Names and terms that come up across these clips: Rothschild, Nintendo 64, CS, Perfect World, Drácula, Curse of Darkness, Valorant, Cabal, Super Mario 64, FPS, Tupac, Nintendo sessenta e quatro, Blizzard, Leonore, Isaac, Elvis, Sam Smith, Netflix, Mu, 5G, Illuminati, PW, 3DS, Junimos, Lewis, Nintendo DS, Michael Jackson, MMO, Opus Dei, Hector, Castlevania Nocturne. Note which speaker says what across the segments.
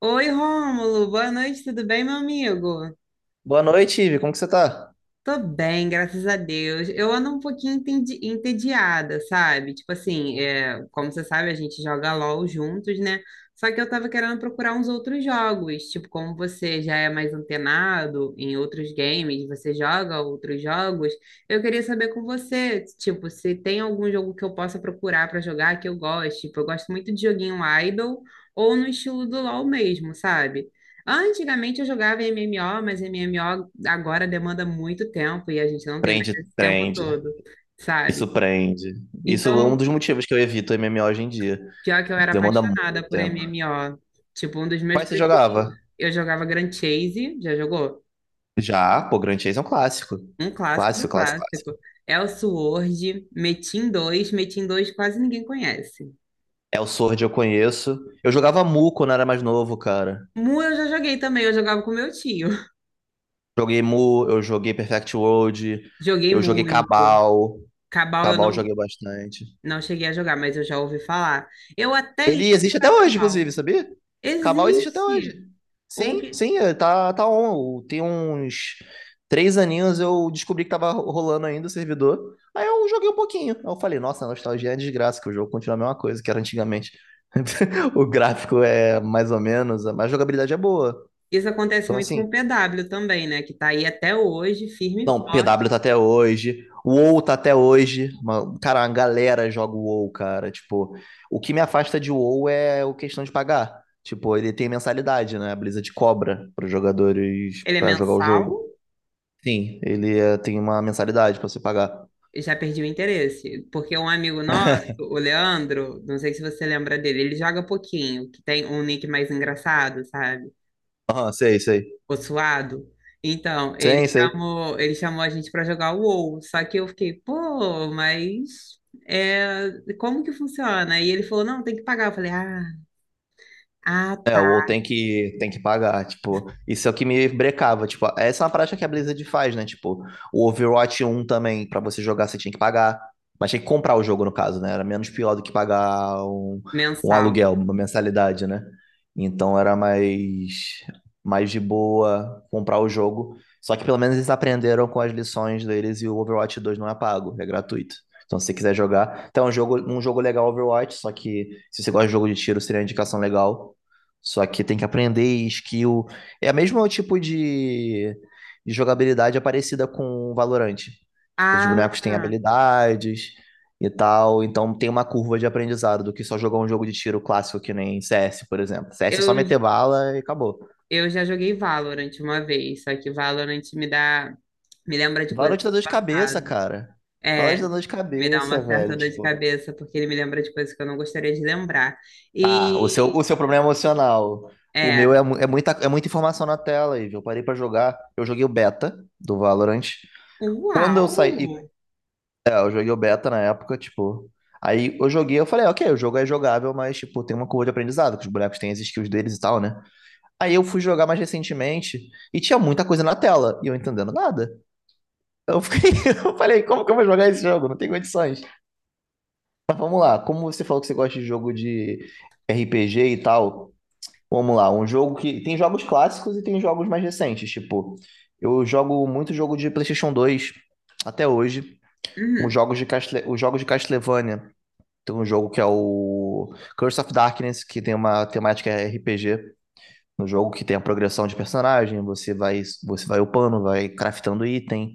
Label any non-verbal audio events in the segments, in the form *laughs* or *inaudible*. Speaker 1: Oi, Rômulo, boa noite, tudo bem, meu amigo?
Speaker 2: Boa noite, Ivi. Como que você tá?
Speaker 1: Tô bem, graças a Deus. Eu ando um pouquinho entediada, sabe? Tipo assim, como você sabe, a gente joga LOL juntos, né? Só que eu tava querendo procurar uns outros jogos. Tipo, como você já é mais antenado em outros games, você joga outros jogos, eu queria saber com você, tipo, se tem algum jogo que eu possa procurar pra jogar que eu goste. Tipo, eu gosto muito de joguinho idle ou no estilo do LOL mesmo, sabe? Antigamente eu jogava MMO, mas MMO agora demanda muito tempo e a gente não tem mais
Speaker 2: Prende,
Speaker 1: esse tempo
Speaker 2: prende.
Speaker 1: todo,
Speaker 2: Isso
Speaker 1: sabe?
Speaker 2: prende. Isso é um
Speaker 1: Então,
Speaker 2: dos motivos que eu evito MMO hoje em dia.
Speaker 1: pior que eu era
Speaker 2: Demanda muito
Speaker 1: apaixonada por
Speaker 2: tempo.
Speaker 1: MMO. Tipo, um dos meus
Speaker 2: Quais você
Speaker 1: preferidos.
Speaker 2: jogava?
Speaker 1: Eu jogava Grand Chase, já jogou?
Speaker 2: Já, pô, Grand Chase é um clássico.
Speaker 1: Um clássico do
Speaker 2: Clássico, clássico,
Speaker 1: clássico.
Speaker 2: clássico.
Speaker 1: Elsword, Metin2, Metin2 quase ninguém conhece.
Speaker 2: É o Sword eu conheço. Eu jogava Mu quando era mais novo, cara.
Speaker 1: Mu eu já joguei também, eu jogava com meu tio. *laughs*
Speaker 2: Joguei Mu, eu joguei Perfect World,
Speaker 1: Joguei
Speaker 2: eu joguei
Speaker 1: muito.
Speaker 2: Cabal.
Speaker 1: Cabal eu
Speaker 2: Cabal eu
Speaker 1: não,
Speaker 2: joguei bastante.
Speaker 1: não cheguei a jogar, mas eu já ouvi falar. Eu até ia
Speaker 2: Ele existe até
Speaker 1: jogar
Speaker 2: hoje,
Speaker 1: Cabal.
Speaker 2: inclusive, sabia? Cabal existe até
Speaker 1: Existe
Speaker 2: hoje.
Speaker 1: um
Speaker 2: Sim,
Speaker 1: que
Speaker 2: sim, é, tá on. Tem uns 3 aninhos eu descobri que tava rolando ainda o servidor. Aí eu joguei um pouquinho. Aí eu falei, nossa, a nostalgia é desgraça, que o jogo continua a mesma coisa que era antigamente. *laughs* O gráfico é mais ou menos, mas a jogabilidade é boa.
Speaker 1: isso acontece
Speaker 2: Então,
Speaker 1: muito com
Speaker 2: assim,
Speaker 1: o PW também, né? Que tá aí até hoje, firme e
Speaker 2: não,
Speaker 1: forte.
Speaker 2: PW tá até hoje. O WoW tá até hoje. Cara, uma galera joga o WoW, cara. Tipo, o que me afasta de WoW é a questão de pagar. Tipo, ele tem mensalidade, né? A Blizzard cobra para jogadores
Speaker 1: Ele é
Speaker 2: pra jogar o
Speaker 1: mensal,
Speaker 2: jogo. Sim, ele tem uma mensalidade pra você pagar.
Speaker 1: eu já perdi o interesse, porque um amigo nosso, o Leandro, não sei se você lembra dele, ele joga pouquinho, que tem um nick mais engraçado, sabe?
Speaker 2: Aham, sei, sei.
Speaker 1: O suado. Então,
Speaker 2: Sim, sei.
Speaker 1: ele chamou a gente pra jogar o WoW, só que eu fiquei, pô, mas é, como que funciona? E ele falou, não, tem que pagar. Eu falei, ah, ah,
Speaker 2: É,
Speaker 1: tá,
Speaker 2: ou tem que pagar, tipo, isso é o que me brecava, tipo, essa é uma prática que a Blizzard faz, né, tipo, o Overwatch 1 também, pra você jogar você tinha que pagar, mas tinha que comprar o jogo no caso, né, era menos pior do que pagar um
Speaker 1: mensal.
Speaker 2: aluguel, uma mensalidade, né, então era mais de boa comprar o jogo, só que pelo menos eles aprenderam com as lições deles e o Overwatch 2 não é pago, é gratuito. Então, se você quiser jogar, então é um jogo legal Overwatch, só que se você gosta de jogo de tiro, seria uma indicação legal. Só que tem que aprender skill. É o mesmo tipo de jogabilidade é parecida com o Valorant. Tipo, os bonecos têm
Speaker 1: Ah,
Speaker 2: habilidades e tal. Então tem uma curva de aprendizado do que só jogar um jogo de tiro clássico que nem CS, por exemplo. CS é só
Speaker 1: Eu,
Speaker 2: meter bala e acabou.
Speaker 1: eu já joguei Valorant uma vez, só que Valorant me lembra de coisas
Speaker 2: Valorant dá dor de cabeça,
Speaker 1: erradas.
Speaker 2: cara. Valorant
Speaker 1: É,
Speaker 2: dá dor de
Speaker 1: me dá uma
Speaker 2: cabeça,
Speaker 1: certa
Speaker 2: velho.
Speaker 1: dor de
Speaker 2: Tipo,
Speaker 1: cabeça, porque ele me lembra de coisas que eu não gostaria de lembrar.
Speaker 2: tá, o seu,
Speaker 1: E
Speaker 2: o seu problema é emocional. O meu
Speaker 1: é,
Speaker 2: é, é muita informação na tela, Ivo. Eu parei pra jogar. Eu joguei o beta do Valorant. Quando eu
Speaker 1: uau!
Speaker 2: saí, Eu joguei o beta na época, tipo. Aí eu joguei, eu falei, "Ah, ok, o jogo é jogável, mas, tipo, tem uma curva de aprendizado, que os bonecos têm as skills deles e tal, né? Aí eu fui jogar mais recentemente e tinha muita coisa na tela e eu entendendo nada. Eu fiquei, *laughs* eu falei, como que eu vou jogar esse jogo? Não tem condições. Mas vamos lá, como você falou que você gosta de jogo de RPG e tal, vamos lá, um jogo que tem jogos clássicos e tem jogos mais recentes, tipo, eu jogo muito jogo de PlayStation 2 até hoje,
Speaker 1: Uhum.
Speaker 2: os jogos de Castlevania. Tem um jogo que é o Curse of Darkness, que tem uma temática RPG no jogo que tem a progressão de personagem, você vai upando, vai craftando item.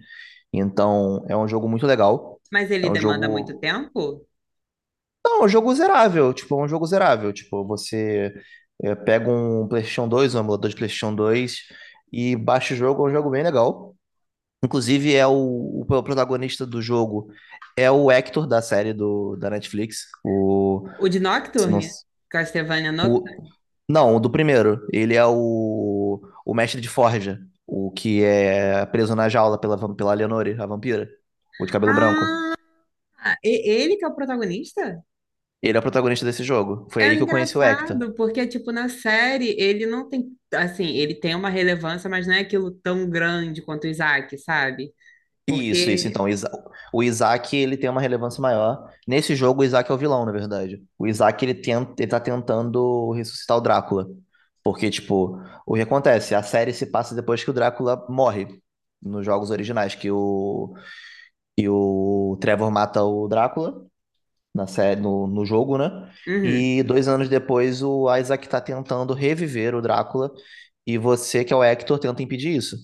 Speaker 2: Então, é um jogo muito legal.
Speaker 1: Mas
Speaker 2: É
Speaker 1: ele
Speaker 2: um
Speaker 1: demanda muito
Speaker 2: jogo,
Speaker 1: tempo?
Speaker 2: não, é um jogo zerável, tipo, é um jogo zerável, tipo, você é, pega um PlayStation 2, um emulador de PlayStation 2 e baixa o jogo, é um jogo bem legal. Inclusive, é o protagonista do jogo é o Hector da série do, da Netflix. O
Speaker 1: O de
Speaker 2: se não,
Speaker 1: Nocturne? Castlevania
Speaker 2: O...
Speaker 1: Nocturne?
Speaker 2: Não, o do primeiro. Ele é o mestre de forja. O que é preso na jaula pela Leonore, a vampira. O de cabelo
Speaker 1: Ah,
Speaker 2: branco.
Speaker 1: ele que é o protagonista?
Speaker 2: Ele é o protagonista desse jogo. Foi
Speaker 1: É
Speaker 2: aí que eu conheci o Hector.
Speaker 1: engraçado, porque, tipo, na série ele não tem, assim, ele tem uma relevância, mas não é aquilo tão grande quanto o Isaac, sabe?
Speaker 2: Isso, isso.
Speaker 1: Porque.
Speaker 2: Então, o Isaac, ele tem uma relevância maior. Nesse jogo, o Isaac é o vilão, na verdade. O Isaac, ele tá tentando ressuscitar o Drácula. Porque, tipo, o que acontece? A série se passa depois que o Drácula morre nos jogos originais, e o Trevor mata o Drácula na série, no jogo, né?
Speaker 1: Uhum.
Speaker 2: E 2 anos depois o Isaac tá tentando reviver o Drácula e você, que é o Hector, tenta impedir isso.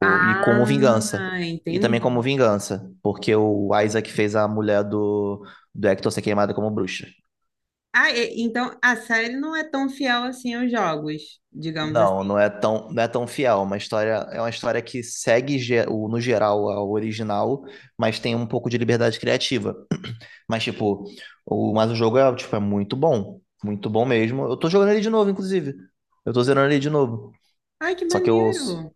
Speaker 2: E como vingança.
Speaker 1: Ah,
Speaker 2: E também como
Speaker 1: entendi.
Speaker 2: vingança, porque o Isaac fez a mulher do Hector ser queimada como bruxa.
Speaker 1: Ah, então a série não é tão fiel assim aos jogos, digamos
Speaker 2: Não,
Speaker 1: assim.
Speaker 2: não é tão fiel. Uma história, é uma história que segue no geral ao original, mas tem um pouco de liberdade criativa. Mas, tipo, mas o jogo é, tipo, é muito bom. Muito bom mesmo. Eu tô jogando ele de novo, inclusive. Eu tô zerando ele de novo.
Speaker 1: Ai, que
Speaker 2: Só que eu.
Speaker 1: maneiro!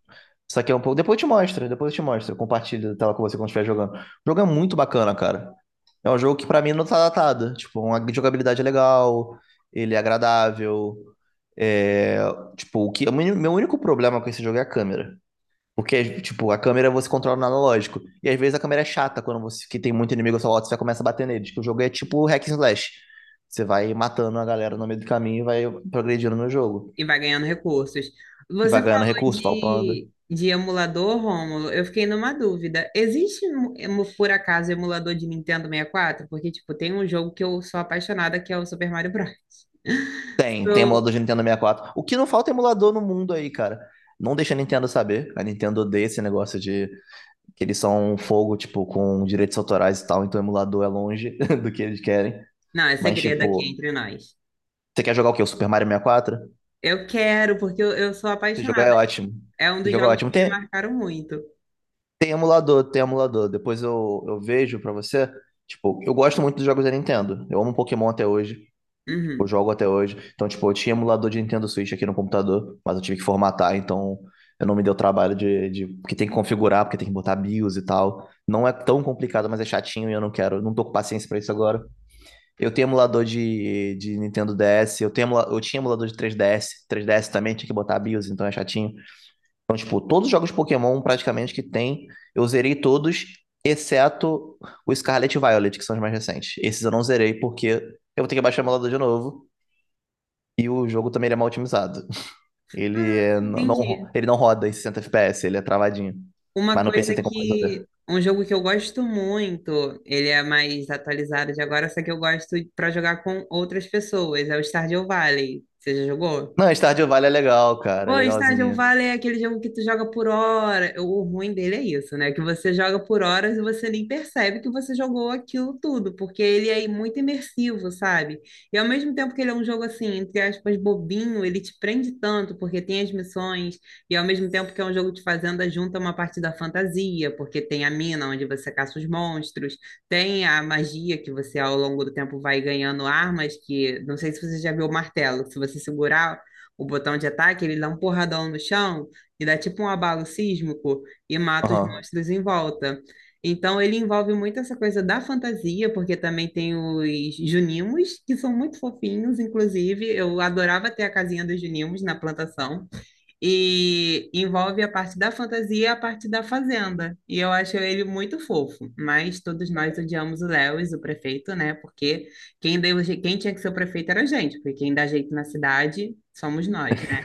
Speaker 2: Só que é um pouco. Depois eu te mostro, depois eu te mostro. Eu compartilho a tela com você quando estiver jogando. O jogo é muito bacana, cara. É um jogo que pra mim não tá datado. Tipo, uma jogabilidade é legal, ele é agradável. É, tipo, o meu único problema com esse jogo é a câmera. Porque, tipo, a câmera você controla no analógico. E às vezes a câmera é chata quando você que tem muito inimigo ao seu lado, você já começa a bater neles. Que o jogo é tipo hack and slash. Você vai matando a galera no meio do caminho e vai progredindo no jogo.
Speaker 1: E vai ganhando recursos.
Speaker 2: E
Speaker 1: Você
Speaker 2: vai
Speaker 1: falou
Speaker 2: ganhando recurso, falpando.
Speaker 1: de emulador, Rômulo. Eu fiquei numa dúvida. Existe, por acaso, emulador de Nintendo 64? Porque, tipo, tem um jogo que eu sou apaixonada, que é o Super Mario Bros. *laughs*
Speaker 2: Tem
Speaker 1: Sou-
Speaker 2: emulador de Nintendo 64. O que não falta é emulador no mundo aí, cara. Não deixa a Nintendo saber. A Nintendo odeia esse negócio de que eles são um fogo, tipo, com direitos autorais e tal, então o emulador é longe *laughs* do que eles querem.
Speaker 1: Não, é
Speaker 2: Mas,
Speaker 1: segredo aqui
Speaker 2: tipo,
Speaker 1: entre nós.
Speaker 2: você quer jogar o quê? O Super Mario 64?
Speaker 1: Eu quero, porque eu sou
Speaker 2: Se jogar
Speaker 1: apaixonada.
Speaker 2: é ótimo.
Speaker 1: É um
Speaker 2: Se
Speaker 1: dos
Speaker 2: jogar é
Speaker 1: jogos
Speaker 2: ótimo.
Speaker 1: que me
Speaker 2: Tem,
Speaker 1: marcaram muito.
Speaker 2: Tem emulador, tem emulador. Depois eu vejo pra você. Tipo, eu gosto muito dos jogos da Nintendo. Eu amo Pokémon até hoje. Tipo, eu
Speaker 1: Uhum.
Speaker 2: jogo até hoje. Então, tipo, eu tinha emulador de Nintendo Switch aqui no computador, mas eu tive que formatar, então eu não me deu trabalho Porque tem que configurar, porque tem que botar BIOS e tal. Não é tão complicado, mas é chatinho e eu não quero. Eu não tô com paciência pra isso agora. Eu tenho emulador de Nintendo DS. Eu tinha emulador de 3DS. 3DS também tinha que botar BIOS, então é chatinho. Então, tipo, todos os jogos Pokémon praticamente que tem, eu zerei todos, exceto o Scarlet e Violet, que são os mais recentes. Esses eu não zerei porque eu vou ter que baixar o emulador de novo. E o jogo também ele é mal otimizado.
Speaker 1: Ah, entendi.
Speaker 2: Não, ele não roda em 60 FPS, ele é travadinho.
Speaker 1: Uma
Speaker 2: Mas no PC
Speaker 1: coisa
Speaker 2: tem como resolver.
Speaker 1: que. Um jogo que eu gosto muito, ele é mais atualizado de agora, só que eu gosto pra jogar com outras pessoas, é o Stardew Valley. Você já jogou?
Speaker 2: Não, Stardew Valley é legal, cara, é
Speaker 1: Pô, Stardew
Speaker 2: legalzinho.
Speaker 1: Valley é aquele jogo que tu joga por hora. O ruim dele é isso, né? Que você joga por horas e você nem percebe que você jogou aquilo tudo, porque ele é muito imersivo, sabe? E ao mesmo tempo que ele é um jogo assim, entre aspas, bobinho, ele te prende tanto, porque tem as missões, e ao mesmo tempo que é um jogo de fazenda, junta uma parte da fantasia, porque tem a mina onde você caça os monstros, tem a magia que você ao longo do tempo vai ganhando armas, que não sei se você já viu o martelo, que se você segurar o botão de ataque, ele dá um porradão no chão e dá tipo um abalo sísmico e mata os
Speaker 2: Aham.
Speaker 1: monstros em volta. Então ele envolve muito essa coisa da fantasia, porque também tem os Junimos, que são muito fofinhos, inclusive. Eu adorava ter a casinha dos Junimos na plantação. E envolve a parte da fantasia e a parte da fazenda. E eu acho ele muito fofo. Mas todos nós odiamos o Lewis, o prefeito, né? Porque quem tinha que ser o prefeito era a gente, porque quem dá jeito na cidade somos nós, né?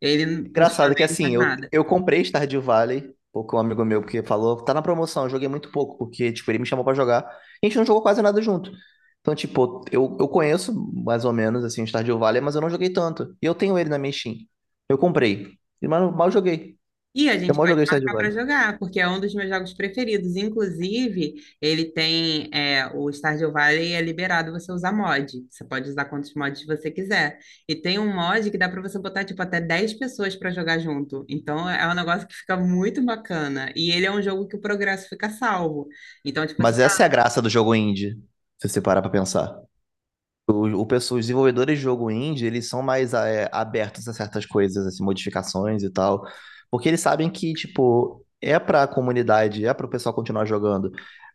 Speaker 1: Ele, por sua
Speaker 2: Engraçado que
Speaker 1: vez, não
Speaker 2: assim,
Speaker 1: faz
Speaker 2: eu,
Speaker 1: nada.
Speaker 2: eu comprei Stardew Valley, porque um amigo meu que falou, tá na promoção, eu joguei muito pouco, porque, tipo, ele me chamou pra jogar, e a gente não jogou quase nada junto. Então, tipo, eu conheço mais ou menos, assim, Stardew Valley, mas eu não joguei tanto. E eu tenho ele na minha Steam. Eu comprei, e, mas eu mal joguei.
Speaker 1: E a
Speaker 2: Eu
Speaker 1: gente
Speaker 2: mal
Speaker 1: pode
Speaker 2: joguei Stardew
Speaker 1: marcar para
Speaker 2: Valley.
Speaker 1: jogar, porque é um dos meus jogos preferidos. Inclusive, ele tem o Stardew Valley é liberado você usar mod. Você pode usar quantos mods você quiser. E tem um mod que dá para você botar tipo até 10 pessoas para jogar junto. Então é um negócio que fica muito bacana. E ele é um jogo que o progresso fica salvo. Então, tipo assim,
Speaker 2: Mas essa é a graça do jogo indie, se você parar pra pensar. Os desenvolvedores de jogo indie, eles são mais é, abertos a certas coisas, assim, modificações e tal, porque eles sabem que, tipo, é pra comunidade, é pro pessoal continuar jogando.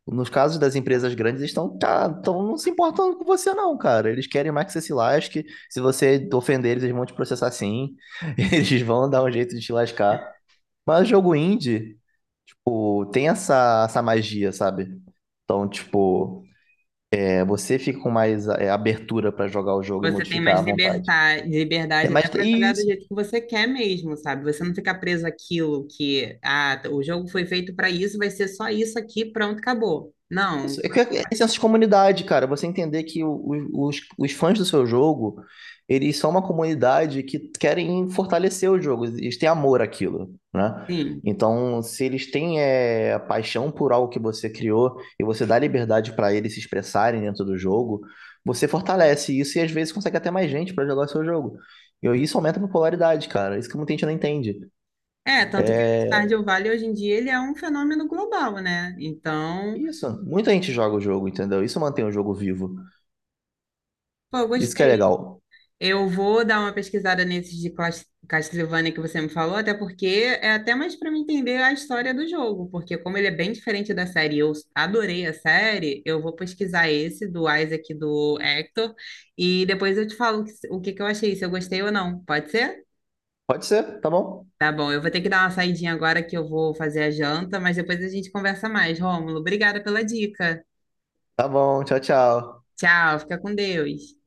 Speaker 2: Nos casos das empresas grandes, eles estão, cara, tão não se importando com você não, cara. Eles querem mais que você se lasque. Se você ofender eles, eles vão te processar sim. *laughs* Eles vão dar um jeito de te lascar. Mas jogo indie, tipo, tem essa magia, sabe? Então, tipo, é, você fica com mais é, abertura para jogar o jogo e
Speaker 1: você tem
Speaker 2: modificar
Speaker 1: mais
Speaker 2: à vontade.
Speaker 1: liberdade,
Speaker 2: É,
Speaker 1: liberdade até
Speaker 2: mas
Speaker 1: para
Speaker 2: e
Speaker 1: jogar do
Speaker 2: isso,
Speaker 1: jeito que você quer mesmo, sabe? Você não fica preso àquilo que, ah, tá, o jogo foi feito para isso, vai ser só isso aqui, pronto, acabou.
Speaker 2: isso
Speaker 1: Não,
Speaker 2: é, que é, é senso de comunidade, cara. Você entender que os fãs do seu jogo, eles são uma comunidade que querem fortalecer o jogo, eles têm amor àquilo, né?
Speaker 1: sim.
Speaker 2: Então, se eles têm é, paixão por algo que você criou e você dá liberdade para eles se expressarem dentro do jogo, você fortalece isso e às vezes consegue até mais gente para jogar o seu jogo. E isso aumenta a popularidade, cara. Isso que muita gente não entende.
Speaker 1: É, tanto que o Stardew Valley hoje em dia ele é um fenômeno global, né? Então,
Speaker 2: Isso, muita gente joga o jogo, entendeu? Isso mantém o jogo vivo.
Speaker 1: pô, eu
Speaker 2: Isso que é
Speaker 1: gostei.
Speaker 2: legal.
Speaker 1: Eu vou dar uma pesquisada nesses de Castlevania que você me falou, até porque é até mais para me entender a história do jogo, porque como ele é bem diferente da série, e eu adorei a série, eu vou pesquisar esse do Isaac e do Hector e depois eu te falo o que que eu achei, se eu gostei ou não. Pode ser?
Speaker 2: Pode ser? Tá bom?
Speaker 1: Tá bom, eu vou ter que dar uma saidinha agora que eu vou fazer a janta, mas depois a gente conversa mais. Rômulo, obrigada pela dica.
Speaker 2: Tá bom, tchau, tchau.
Speaker 1: Tchau, fica com Deus.